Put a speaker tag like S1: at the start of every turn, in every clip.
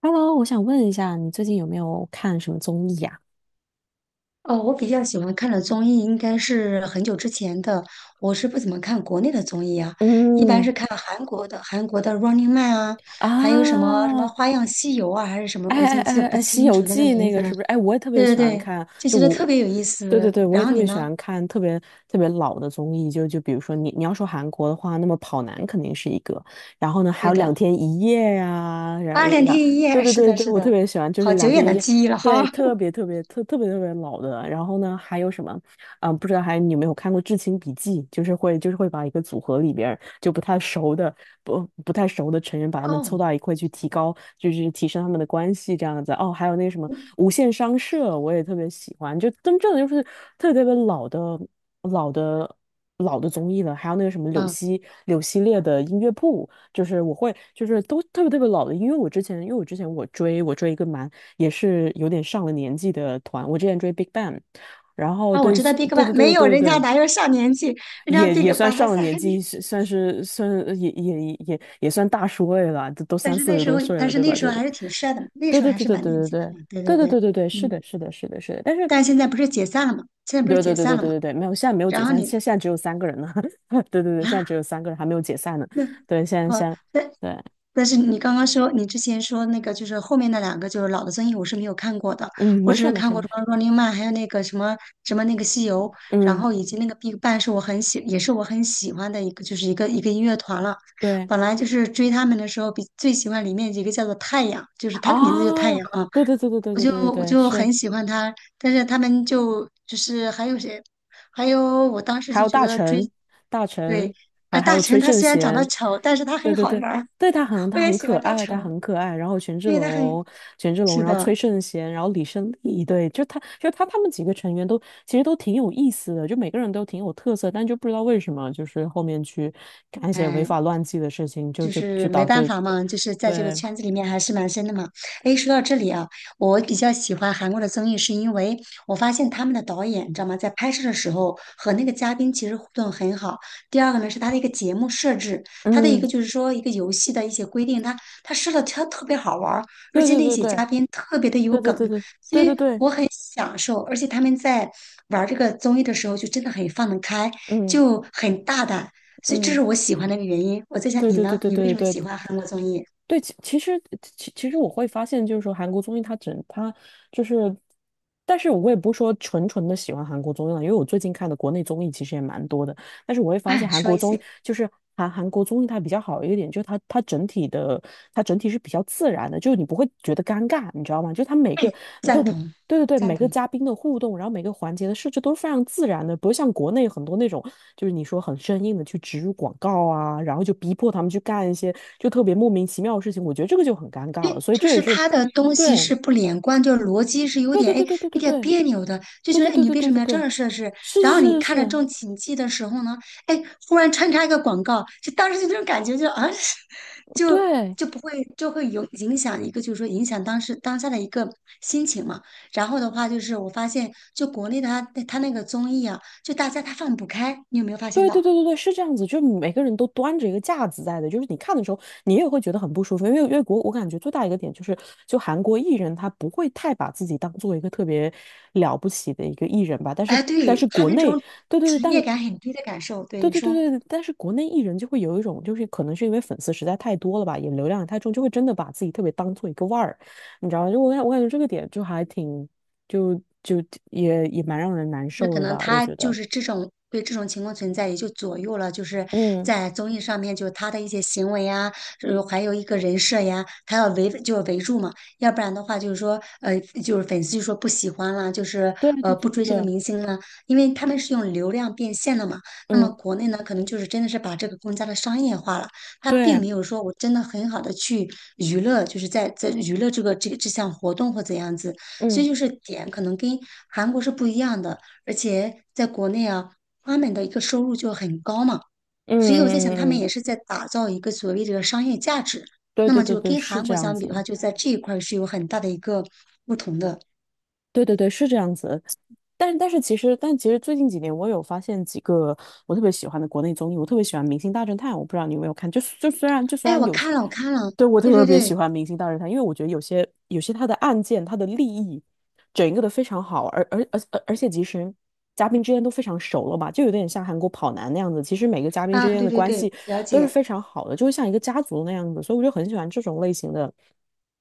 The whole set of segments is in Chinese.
S1: Hello，我想问一下，你最近有没有看什么综艺呀？
S2: 哦，我比较喜欢看的综艺应该是很久之前的，我是不怎么看国内的综艺啊，一般
S1: 嗯，
S2: 是看韩国的，韩国的《Running Man》啊，
S1: 啊？
S2: 还有什么什么《花样西游》啊，还是什么，我
S1: 哎
S2: 已
S1: 哎
S2: 经记得
S1: 哎
S2: 不
S1: 哎，《西
S2: 清
S1: 游
S2: 楚那个
S1: 记》
S2: 名
S1: 那
S2: 字
S1: 个
S2: 了。
S1: 是不是？哎，我也特别
S2: 对对
S1: 喜欢
S2: 对，
S1: 看，
S2: 就
S1: 就
S2: 觉得特
S1: 我，
S2: 别有意
S1: 对对
S2: 思。
S1: 对，我
S2: 然
S1: 也
S2: 后
S1: 特
S2: 你
S1: 别喜
S2: 呢？
S1: 欢看特别特别老的综艺，就比如说你要说韩国的话，那么《跑男》肯定是一个，然后呢还
S2: 对
S1: 有《两
S2: 的，
S1: 天一夜》呀，然
S2: 《八十
S1: 然
S2: 天
S1: 然，
S2: 一夜》
S1: 对 对
S2: 是
S1: 对
S2: 的，
S1: 对，
S2: 是
S1: 我特
S2: 的，
S1: 别喜欢，就是
S2: 好久
S1: 《两
S2: 远
S1: 天一
S2: 的
S1: 夜》，
S2: 记忆了哈。
S1: 对，特 别特别特别老的，然后呢还有什么？嗯，不知道还你有没有看过《至亲笔记》，就是会把一个组合里边儿就不太熟的不太熟的成员，把他们凑
S2: 哦，
S1: 到一块去提高，就是提升他们的关系这样子。哦，还有那个什么《无限商社》，我也特别喜欢，就真正的就是特别特别老的。老的综艺了，还有那个什么柳
S2: 嗯，
S1: 溪柳溪列的音乐铺，就是我会，就是都特别特别老的，因为我之前我追一个蛮也是有点上了年纪的团，我之前追 Big Bang,然后
S2: 啊，我
S1: 对，
S2: 知道
S1: 是
S2: Big
S1: 对对
S2: Bang，没
S1: 对对
S2: 有，
S1: 对
S2: 人家
S1: 对，
S2: 哪有上年纪，人家
S1: 也
S2: Big
S1: 也算
S2: Bang 还
S1: 上了
S2: 在。
S1: 年
S2: 年。
S1: 纪，是算也算大叔位了，都
S2: 但
S1: 三
S2: 是
S1: 四
S2: 那
S1: 十
S2: 时
S1: 多
S2: 候，
S1: 岁
S2: 但
S1: 了，
S2: 是
S1: 对
S2: 那
S1: 吧？
S2: 时
S1: 对
S2: 候还是挺帅的嘛，那
S1: 对
S2: 时候
S1: 对
S2: 还
S1: 对
S2: 是
S1: 对
S2: 蛮年
S1: 对对
S2: 轻的嘛，对
S1: 对
S2: 对
S1: 对对对
S2: 对，
S1: 对对对，是
S2: 嗯，
S1: 的，是的，是的，是的，但是
S2: 但现在不是解散了嘛，
S1: 对对对对对对对，没有，现在没有解
S2: 然后
S1: 散，
S2: 你
S1: 现在只有三个人呢。对对对，现在只
S2: 啊，
S1: 有三个人还没有解散呢，
S2: 那
S1: 对，现在现
S2: 好，
S1: 在
S2: 但
S1: 对，
S2: 但是你刚刚说你之前说那个就是后面那两个就是老的综艺我是没有看过的，
S1: 嗯，
S2: 我
S1: 没
S2: 只
S1: 事儿
S2: 是
S1: 没
S2: 看
S1: 事儿
S2: 过
S1: 没
S2: 什
S1: 事儿，
S2: 么《Running Man》，还有那个什么什么那个西游，然
S1: 嗯，
S2: 后以及那个 Big Bang 是我很喜，也是我很喜欢的一个就是一个音乐团了。
S1: 对，
S2: 本来就是追他们的时候，比最喜欢里面一个叫做太阳，就是他的名字就太
S1: 哦，
S2: 阳啊。
S1: 对对对对对
S2: 我
S1: 对
S2: 就
S1: 对对
S2: 我
S1: 对，
S2: 就
S1: 是。
S2: 很喜欢他，但是他们就是还有谁，还有我当时
S1: 还
S2: 就
S1: 有
S2: 觉
S1: 大
S2: 得追，
S1: 臣，大臣，
S2: 对，
S1: 还还
S2: 大
S1: 有崔
S2: 成他
S1: 圣
S2: 虽然长得
S1: 贤，
S2: 丑，但是他
S1: 对
S2: 很
S1: 对
S2: 好玩
S1: 对，
S2: 儿，
S1: 对,
S2: 我
S1: 他
S2: 也
S1: 很
S2: 喜
S1: 可
S2: 欢大
S1: 爱，他
S2: 成，
S1: 很可爱。然后权志
S2: 因为他很，
S1: 龙，权志龙，
S2: 是
S1: 然后崔
S2: 的，
S1: 圣贤，然后李胜利，对，就他就他他们几个成员都其实都挺有意思的，就每个人都挺有特色，但就不知道为什么就是后面去干一些违
S2: 哎，
S1: 法乱纪的事情，就
S2: 就
S1: 就就
S2: 是
S1: 导
S2: 没办
S1: 致
S2: 法嘛，就是在这个
S1: 对，
S2: 圈子里面还是蛮深的嘛。诶，说到这里啊，我比较喜欢韩国的综艺，是因为我发现他们的导演，你知道吗，在拍摄的时候和那个嘉宾其实互动很好。第二个呢是他的一个节目设置，他的一个
S1: 嗯，
S2: 就是说一个游戏的一些规定，他设的他特别好玩儿，而
S1: 对
S2: 且
S1: 对
S2: 那
S1: 对
S2: 些
S1: 对
S2: 嘉宾特别的有
S1: 对对对
S2: 梗，
S1: 对
S2: 所
S1: 对对
S2: 以
S1: 对，
S2: 享受，而且他们在玩这个综艺的时候就真的很放得开，
S1: 嗯
S2: 就很大胆，所以这
S1: 嗯。
S2: 是我喜欢的一个原因。我在想
S1: 对
S2: 你
S1: 对对
S2: 呢，
S1: 对
S2: 你为
S1: 对
S2: 什么
S1: 对，
S2: 喜欢韩国综艺？
S1: 对，其实我会发现，就是说韩国综艺它就是，但是我也不是说纯纯的喜欢韩国综艺了，因为我最近看的国内综艺其实也蛮多的，但是我会发现
S2: 哎，
S1: 韩
S2: 说
S1: 国
S2: 一
S1: 综艺
S2: 些，
S1: 就是韩国综艺它比较好一点，就是它整体是比较自然的，就是你不会觉得尴尬，你知道吗？就它每个，对
S2: 赞同，
S1: 对对对，
S2: 赞
S1: 每个
S2: 同。
S1: 嘉宾的互动，然后每个环节的设置都是非常自然的，不是像国内很多那种就是你说很生硬的去植入广告啊，然后就逼迫他们去干一些就特别莫名其妙的事情，我觉得这个就很尴尬了。
S2: 诶，
S1: 所以
S2: 就
S1: 这也
S2: 是
S1: 是，
S2: 他的东西
S1: 对，
S2: 是不连贯，就是逻辑是有
S1: 对对
S2: 点哎，
S1: 对对对对
S2: 有点
S1: 对
S2: 别扭的，就
S1: 对
S2: 觉得
S1: 对对
S2: 哎，你
S1: 对
S2: 为
S1: 对
S2: 什么
S1: 对
S2: 要这
S1: 对，
S2: 样设置？
S1: 是
S2: 然
S1: 是
S2: 后你
S1: 是是
S2: 看着
S1: 是，
S2: 正起劲的时候呢，哎，忽然穿插一个广告，就当时就那种感觉就啊 就
S1: 对。
S2: 就不会就会有影响一个，就是说影响当时当下的一个心情嘛。然后的话就是我发现，就国内的他那个综艺啊，就大家他放不开，你有没有发现
S1: 对对
S2: 到？
S1: 对对对，是这样子，就是每个人都端着一个架子在的，就是你看的时候，你也会觉得很不舒服，因为因为国我感觉最大一个点就是，就韩国艺人他不会太把自己当做一个特别了不起的一个艺人吧，但是
S2: 哎，
S1: 但
S2: 对，
S1: 是
S2: 他
S1: 国
S2: 那
S1: 内，
S2: 种
S1: 对对对，
S2: 职
S1: 但
S2: 业感很低的感受，对
S1: 对
S2: 你
S1: 对对
S2: 说。
S1: 对，但是国内艺人就会有一种，就是可能是因为粉丝实在太多了吧，也流量也太重，就会真的把自己特别当做一个腕儿，你知道吗？就我感觉这个点就还挺，就就也蛮让人难
S2: 那
S1: 受
S2: 可
S1: 的
S2: 能
S1: 吧，我
S2: 他
S1: 觉
S2: 就
S1: 得。
S2: 是这种对这种情况存在，也就左右了，就是
S1: 嗯，
S2: 在综艺上面，就他的一些行为呀，还有一个人设呀，他要围就是围住嘛，要不然的话就是说，就是粉丝就说不喜欢啦，就是
S1: 对对对对
S2: 不追这个
S1: 对，
S2: 明星啦，因为他们是用流量变现的嘛。那么
S1: 嗯，
S2: 国内呢，可能就是真的是把这个更加的商业化了，他并
S1: 对，
S2: 没有说我真的很好的去娱乐，就是在娱乐这个这项活动或怎样子，所
S1: 嗯
S2: 以就是点可能跟韩国是不一样的。而且在国内啊，他们的一个收入就很高嘛，
S1: 嗯
S2: 所以我在
S1: 嗯
S2: 想，他
S1: 嗯
S2: 们
S1: 嗯，
S2: 也是在打造一个所谓的商业价值。
S1: 对
S2: 那
S1: 对
S2: 么
S1: 对
S2: 就
S1: 对，
S2: 跟
S1: 是
S2: 韩
S1: 这
S2: 国
S1: 样
S2: 相比的
S1: 子。
S2: 话，就在这一块儿是有很大的一个不同的。
S1: 对对对，是这样子。但是其实，但其实最近几年，我有发现几个我特别喜欢的国内综艺，我特别喜欢《明星大侦探》，我不知道你有没有看。就就虽然就虽
S2: 哎，
S1: 然
S2: 我
S1: 有些，
S2: 看了，我看了，
S1: 对我
S2: 对
S1: 特
S2: 对
S1: 别
S2: 对，
S1: 喜欢《明星大侦探》，因为我觉得有些他的案件，他的利益，整一个的非常好，而且其实嘉宾之间都非常熟了吧，就有点像韩国跑男那样子。其实每个嘉宾之
S2: 啊，
S1: 间
S2: 对
S1: 的
S2: 对
S1: 关
S2: 对，
S1: 系
S2: 了
S1: 都是
S2: 解，
S1: 非常好的，就会像一个家族那样子，所以我就很喜欢这种类型的，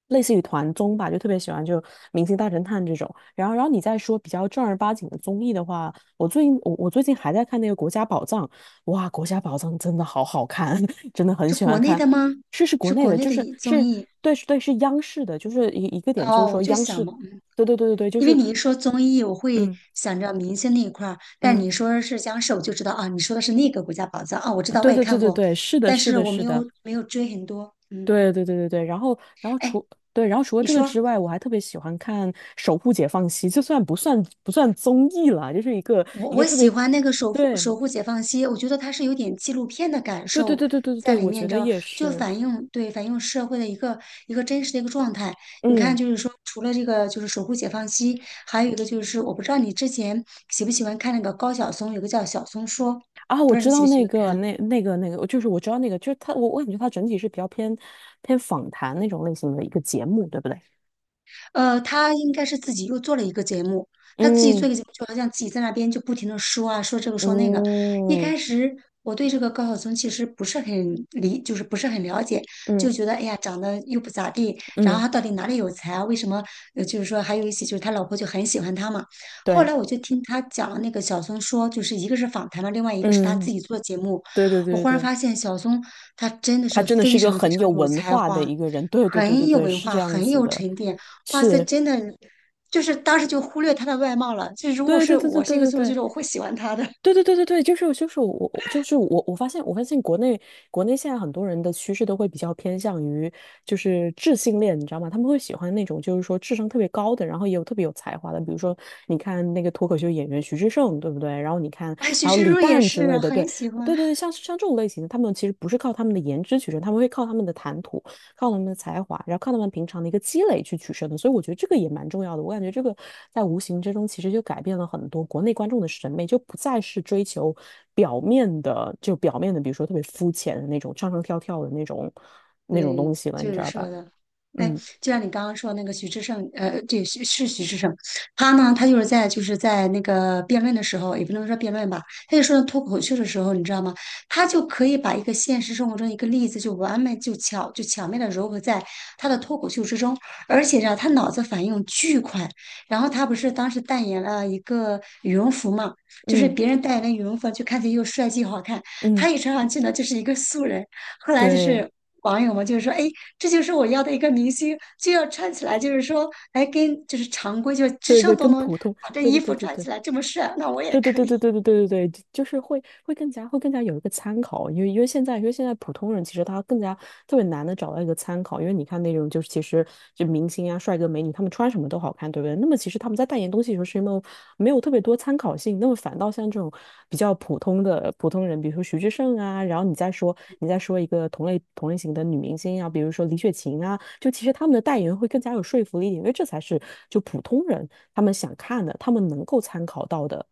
S1: 类似于团综吧，就特别喜欢就《明星大侦探》这种。然后你再说比较正儿八经的综艺的话，我最近还在看那个《国家宝藏》，哇，《国家宝藏》真的好好看，真的很
S2: 是
S1: 喜
S2: 国
S1: 欢
S2: 内
S1: 看。
S2: 的吗？
S1: 是国
S2: 是
S1: 内
S2: 国
S1: 的，
S2: 内
S1: 就
S2: 的
S1: 是
S2: 一综
S1: 是
S2: 艺
S1: 对是对是央视的，就是一个点就
S2: 哦，
S1: 是说
S2: 我就
S1: 央
S2: 想
S1: 视，
S2: 嘛，
S1: 对对对对对，就
S2: 因为
S1: 是
S2: 你一说综艺，我会
S1: 嗯
S2: 想着明星那一块儿，但
S1: 嗯，
S2: 你说是僵尸，我就知道啊，你说的是那个国家宝藏啊，我知道我
S1: 对
S2: 也
S1: 对对
S2: 看
S1: 对
S2: 过，
S1: 对，是的
S2: 但
S1: 是
S2: 是
S1: 的
S2: 我
S1: 是
S2: 没
S1: 的。
S2: 有没有追很多。嗯，
S1: 对对对对对，然后然后
S2: 哎，
S1: 除对，然后除了
S2: 你
S1: 这个
S2: 说
S1: 之外，我还特别喜欢看《守护解放西》，就算不算综艺了，就是一个
S2: 我
S1: 一个
S2: 我
S1: 特
S2: 喜
S1: 别，
S2: 欢那个守护
S1: 对
S2: 守护解放西，我觉得它是有点纪录片的感
S1: 对对
S2: 受
S1: 对对对
S2: 在
S1: 对，
S2: 里
S1: 我
S2: 面，
S1: 觉
S2: 你知
S1: 得
S2: 道吗？
S1: 也
S2: 就
S1: 是，
S2: 反映社会的一个真实的一个状态。你看，
S1: 嗯
S2: 就是说除了这个就是守护解放西，还有一个就是我不知道你之前喜不喜欢看那个高晓松，有个叫《晓松说》，
S1: 啊，
S2: 不
S1: 我
S2: 知道你
S1: 知
S2: 喜
S1: 道
S2: 不喜欢看。
S1: 那个，就是我知道那个，就是他，我感觉他整体是比较偏访谈那种类型的一个节目，对不对？
S2: 呃，他应该是自己又做了一个节目，他自己做
S1: 嗯
S2: 一个节目，就好像自己在那边就不停的说啊，说这个说那个。一
S1: 嗯
S2: 开始我对这个高晓松其实不是很理，就是不是很了解，就
S1: 嗯
S2: 觉得哎呀，长得又不咋地，然后
S1: 嗯，
S2: 他到底哪里有才啊？为什么？呃，就是说还有一些就是他老婆就很喜欢他嘛。后
S1: 对，
S2: 来我就听他讲那个小松说，就是一个是访谈嘛，另外一个是他自
S1: 嗯，
S2: 己做节目，
S1: 对对
S2: 我
S1: 对
S2: 忽然
S1: 对。
S2: 发现小松他真的
S1: 他
S2: 是
S1: 真的是
S2: 非
S1: 一个
S2: 常非
S1: 很有
S2: 常有
S1: 文
S2: 才
S1: 化的
S2: 华。
S1: 一个人，对对对对
S2: 很有
S1: 对，
S2: 文
S1: 是这
S2: 化，
S1: 样
S2: 很
S1: 子
S2: 有
S1: 的，
S2: 沉淀。哇塞，
S1: 是，
S2: 真的，就是当时就忽略他的外貌了。就如果
S1: 对对
S2: 是
S1: 对对
S2: 我是一个
S1: 对对
S2: 苏州剧
S1: 对。
S2: 的，我会喜欢他的。
S1: 对对对对对，就是就是我我就是我我发现我发现国内国内现在很多人的趋势都会比较偏向于就是智性恋，你知道吗？他们会喜欢那种就是说智商特别高的，然后也有特别有才华的，比如说你看那个脱口秀演员徐志胜，对不对？然后你看
S2: 哎，
S1: 还
S2: 许
S1: 有
S2: 志
S1: 李
S2: 润也
S1: 诞之类
S2: 是
S1: 的，对
S2: 很喜
S1: 对对
S2: 欢。
S1: 对，像像这种类型的，他们其实不是靠他们的颜值取胜，他们会靠他们的谈吐。靠他们的才华，然后靠他们平常的一个积累去取胜的。所以我觉得这个也蛮重要的。我感觉这个在无形之中其实就改变了很多国内观众的审美，就不再是追求表面的，就表面的，比如说特别肤浅的那种唱唱跳跳的那种那种
S2: 对，
S1: 东西了，你
S2: 就
S1: 知
S2: 是
S1: 道
S2: 说
S1: 吧？
S2: 的，哎，
S1: 嗯
S2: 就像你刚刚说那个徐志胜，对，是徐志胜，他呢，他就是在那个辩论的时候，也不能说辩论吧，他就说到脱口秀的时候，你知道吗？他就可以把一个现实生活中一个例子就完美就巧妙的糅合在他的脱口秀之中，而且呢，他脑子反应巨快。然后他不是当时代言了一个羽绒服嘛，就是
S1: 嗯
S2: 别人代言的羽绒服，就看起来又帅气又好看，
S1: 嗯，
S2: 他一穿上去呢，就是一个素人。后来就
S1: 对
S2: 是网友嘛，就是说，哎，这就是我要的一个明星，就要穿起来，就是说，哎，跟就是常规，就是时
S1: 对对，
S2: 尚都
S1: 跟
S2: 能
S1: 普通，
S2: 把这
S1: 对对
S2: 衣
S1: 对
S2: 服
S1: 对
S2: 穿
S1: 对。
S2: 起来这么帅，那我也
S1: 对对
S2: 可
S1: 对
S2: 以。
S1: 对对对对对对，就是会更加有一个参考，因为现在普通人其实他更加特别难的找到一个参考，因为你看那种就是其实就明星啊、帅哥美女，他们穿什么都好看，对不对？那么其实他们在代言东西的时候是没有特别多参考性，那么反倒像这种比较普通的普通人，比如说徐志胜啊，然后你再说一个同类型的女明星啊，比如说李雪琴啊，就其实他们的代言会更加有说服力一点，因为这才是就普通人他们想看的，他们能够参考到的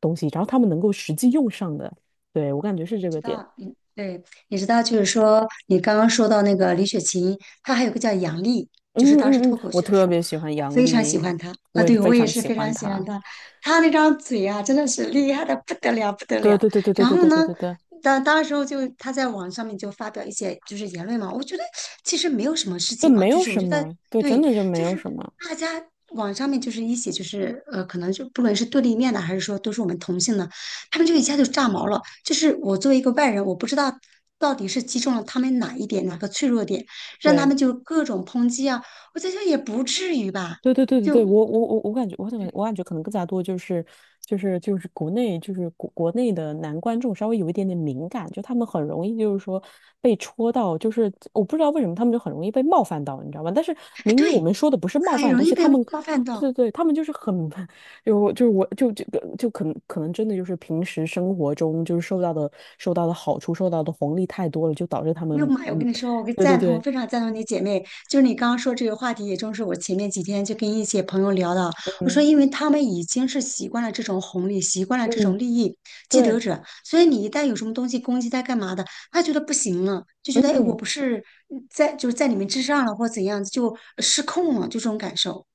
S1: 东西，然后他们能够实际用上的。对，我感觉是
S2: 你
S1: 这
S2: 知
S1: 个点。
S2: 道，嗯，对，你知道，就是说，你刚刚说到那个李雪琴，她还有个叫杨丽，就是
S1: 嗯
S2: 当时
S1: 嗯嗯，
S2: 脱口
S1: 我
S2: 秀的
S1: 特
S2: 时候，
S1: 别喜欢
S2: 我
S1: 杨
S2: 非常喜
S1: 笠，
S2: 欢她啊，
S1: 我也
S2: 对，
S1: 非
S2: 我也
S1: 常
S2: 是
S1: 喜
S2: 非
S1: 欢
S2: 常喜欢
S1: 她。
S2: 她，她那张嘴啊，真的是厉害的不得了，不得
S1: 对
S2: 了。
S1: 对对对对
S2: 然
S1: 对
S2: 后
S1: 对
S2: 呢，
S1: 对对对，
S2: 当时候就她在网上面就发表一些就是言论嘛，我觉得其实没有什么事
S1: 对，
S2: 情嘛，
S1: 没
S2: 就
S1: 有
S2: 是我
S1: 什
S2: 觉得
S1: 么，对，真
S2: 对，
S1: 的就没
S2: 就
S1: 有
S2: 是
S1: 什么。
S2: 大家网上面就是一起可能就不论是对立面的，还是说都是我们同性的。他们就一下就炸毛了。就是我作为一个外人，我不知道到底是击中了他们哪一点，哪个脆弱点，让他
S1: 对。
S2: 们就各种抨击啊。我在想也不至于吧，
S1: 对对对对对，
S2: 就，
S1: 我感觉，我感觉可能更加多就是就是就是国内就是国国内的男观众稍微有一点点敏感，就他们很容易就是说被戳到，就是我不知道为什么他们就很容易被冒犯到，你知道吗？但是
S2: 哎，
S1: 明明我
S2: 对，
S1: 们说的不是冒
S2: 很
S1: 犯的
S2: 容
S1: 东西，
S2: 易被
S1: 他们
S2: 冒犯
S1: 对对
S2: 到。
S1: 对，他们就是很 就是我就这个就可能真的就是平时生活中就是受到的好处受到的红利太多了，就导致他
S2: 哎呦
S1: 们
S2: 妈呀！我
S1: 嗯，
S2: 跟你说，我跟
S1: 对对
S2: 赞同，
S1: 对，
S2: 非常赞同你姐妹。就是你刚刚说这个话题，也正是我前面几天就跟一些朋友聊的。我说，
S1: 嗯
S2: 因为他们已经是习惯了这种红利，习惯了这
S1: 嗯，
S2: 种利益既得
S1: 对，
S2: 者，所以你一旦有什么东西攻击他干嘛的，他觉得不行了，就觉得哎，我
S1: 嗯。
S2: 不是在就是在你们之上了，或怎样，就失控了，就这种感受。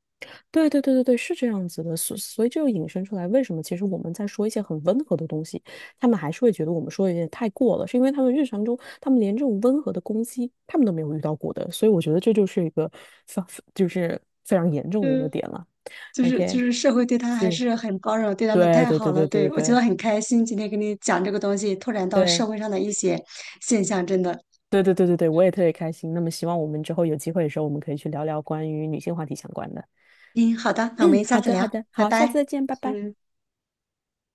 S1: 对对对对对，是这样子的，所以这就引申出来，为什么其实我们在说一些很温和的东西，他们还是会觉得我们说的有点太过了，是因为他们日常中，他们连这种温和的攻击，他们都没有遇到过的，所以我觉得这就是一个非就是非常严重的一个
S2: 嗯，
S1: 点了。
S2: 就是就
S1: OK,
S2: 是社会对他还
S1: 是，
S2: 是很包容，对他们
S1: 对
S2: 太
S1: 对对
S2: 好了。
S1: 对对
S2: 对，我觉
S1: 对
S2: 得很开心，今天跟你讲这个东西，拓展到社
S1: 对
S2: 会上的一些现象，真的。
S1: 对对对对对，我也特别开心。那么希望我们之后有机会的时候，我们可以去聊聊关于女性话题相关的。
S2: 嗯，好的，那我
S1: 嗯，
S2: 们下
S1: 好
S2: 次
S1: 的好
S2: 聊，
S1: 的，
S2: 拜
S1: 好，下次
S2: 拜。
S1: 再见，拜拜。
S2: 嗯。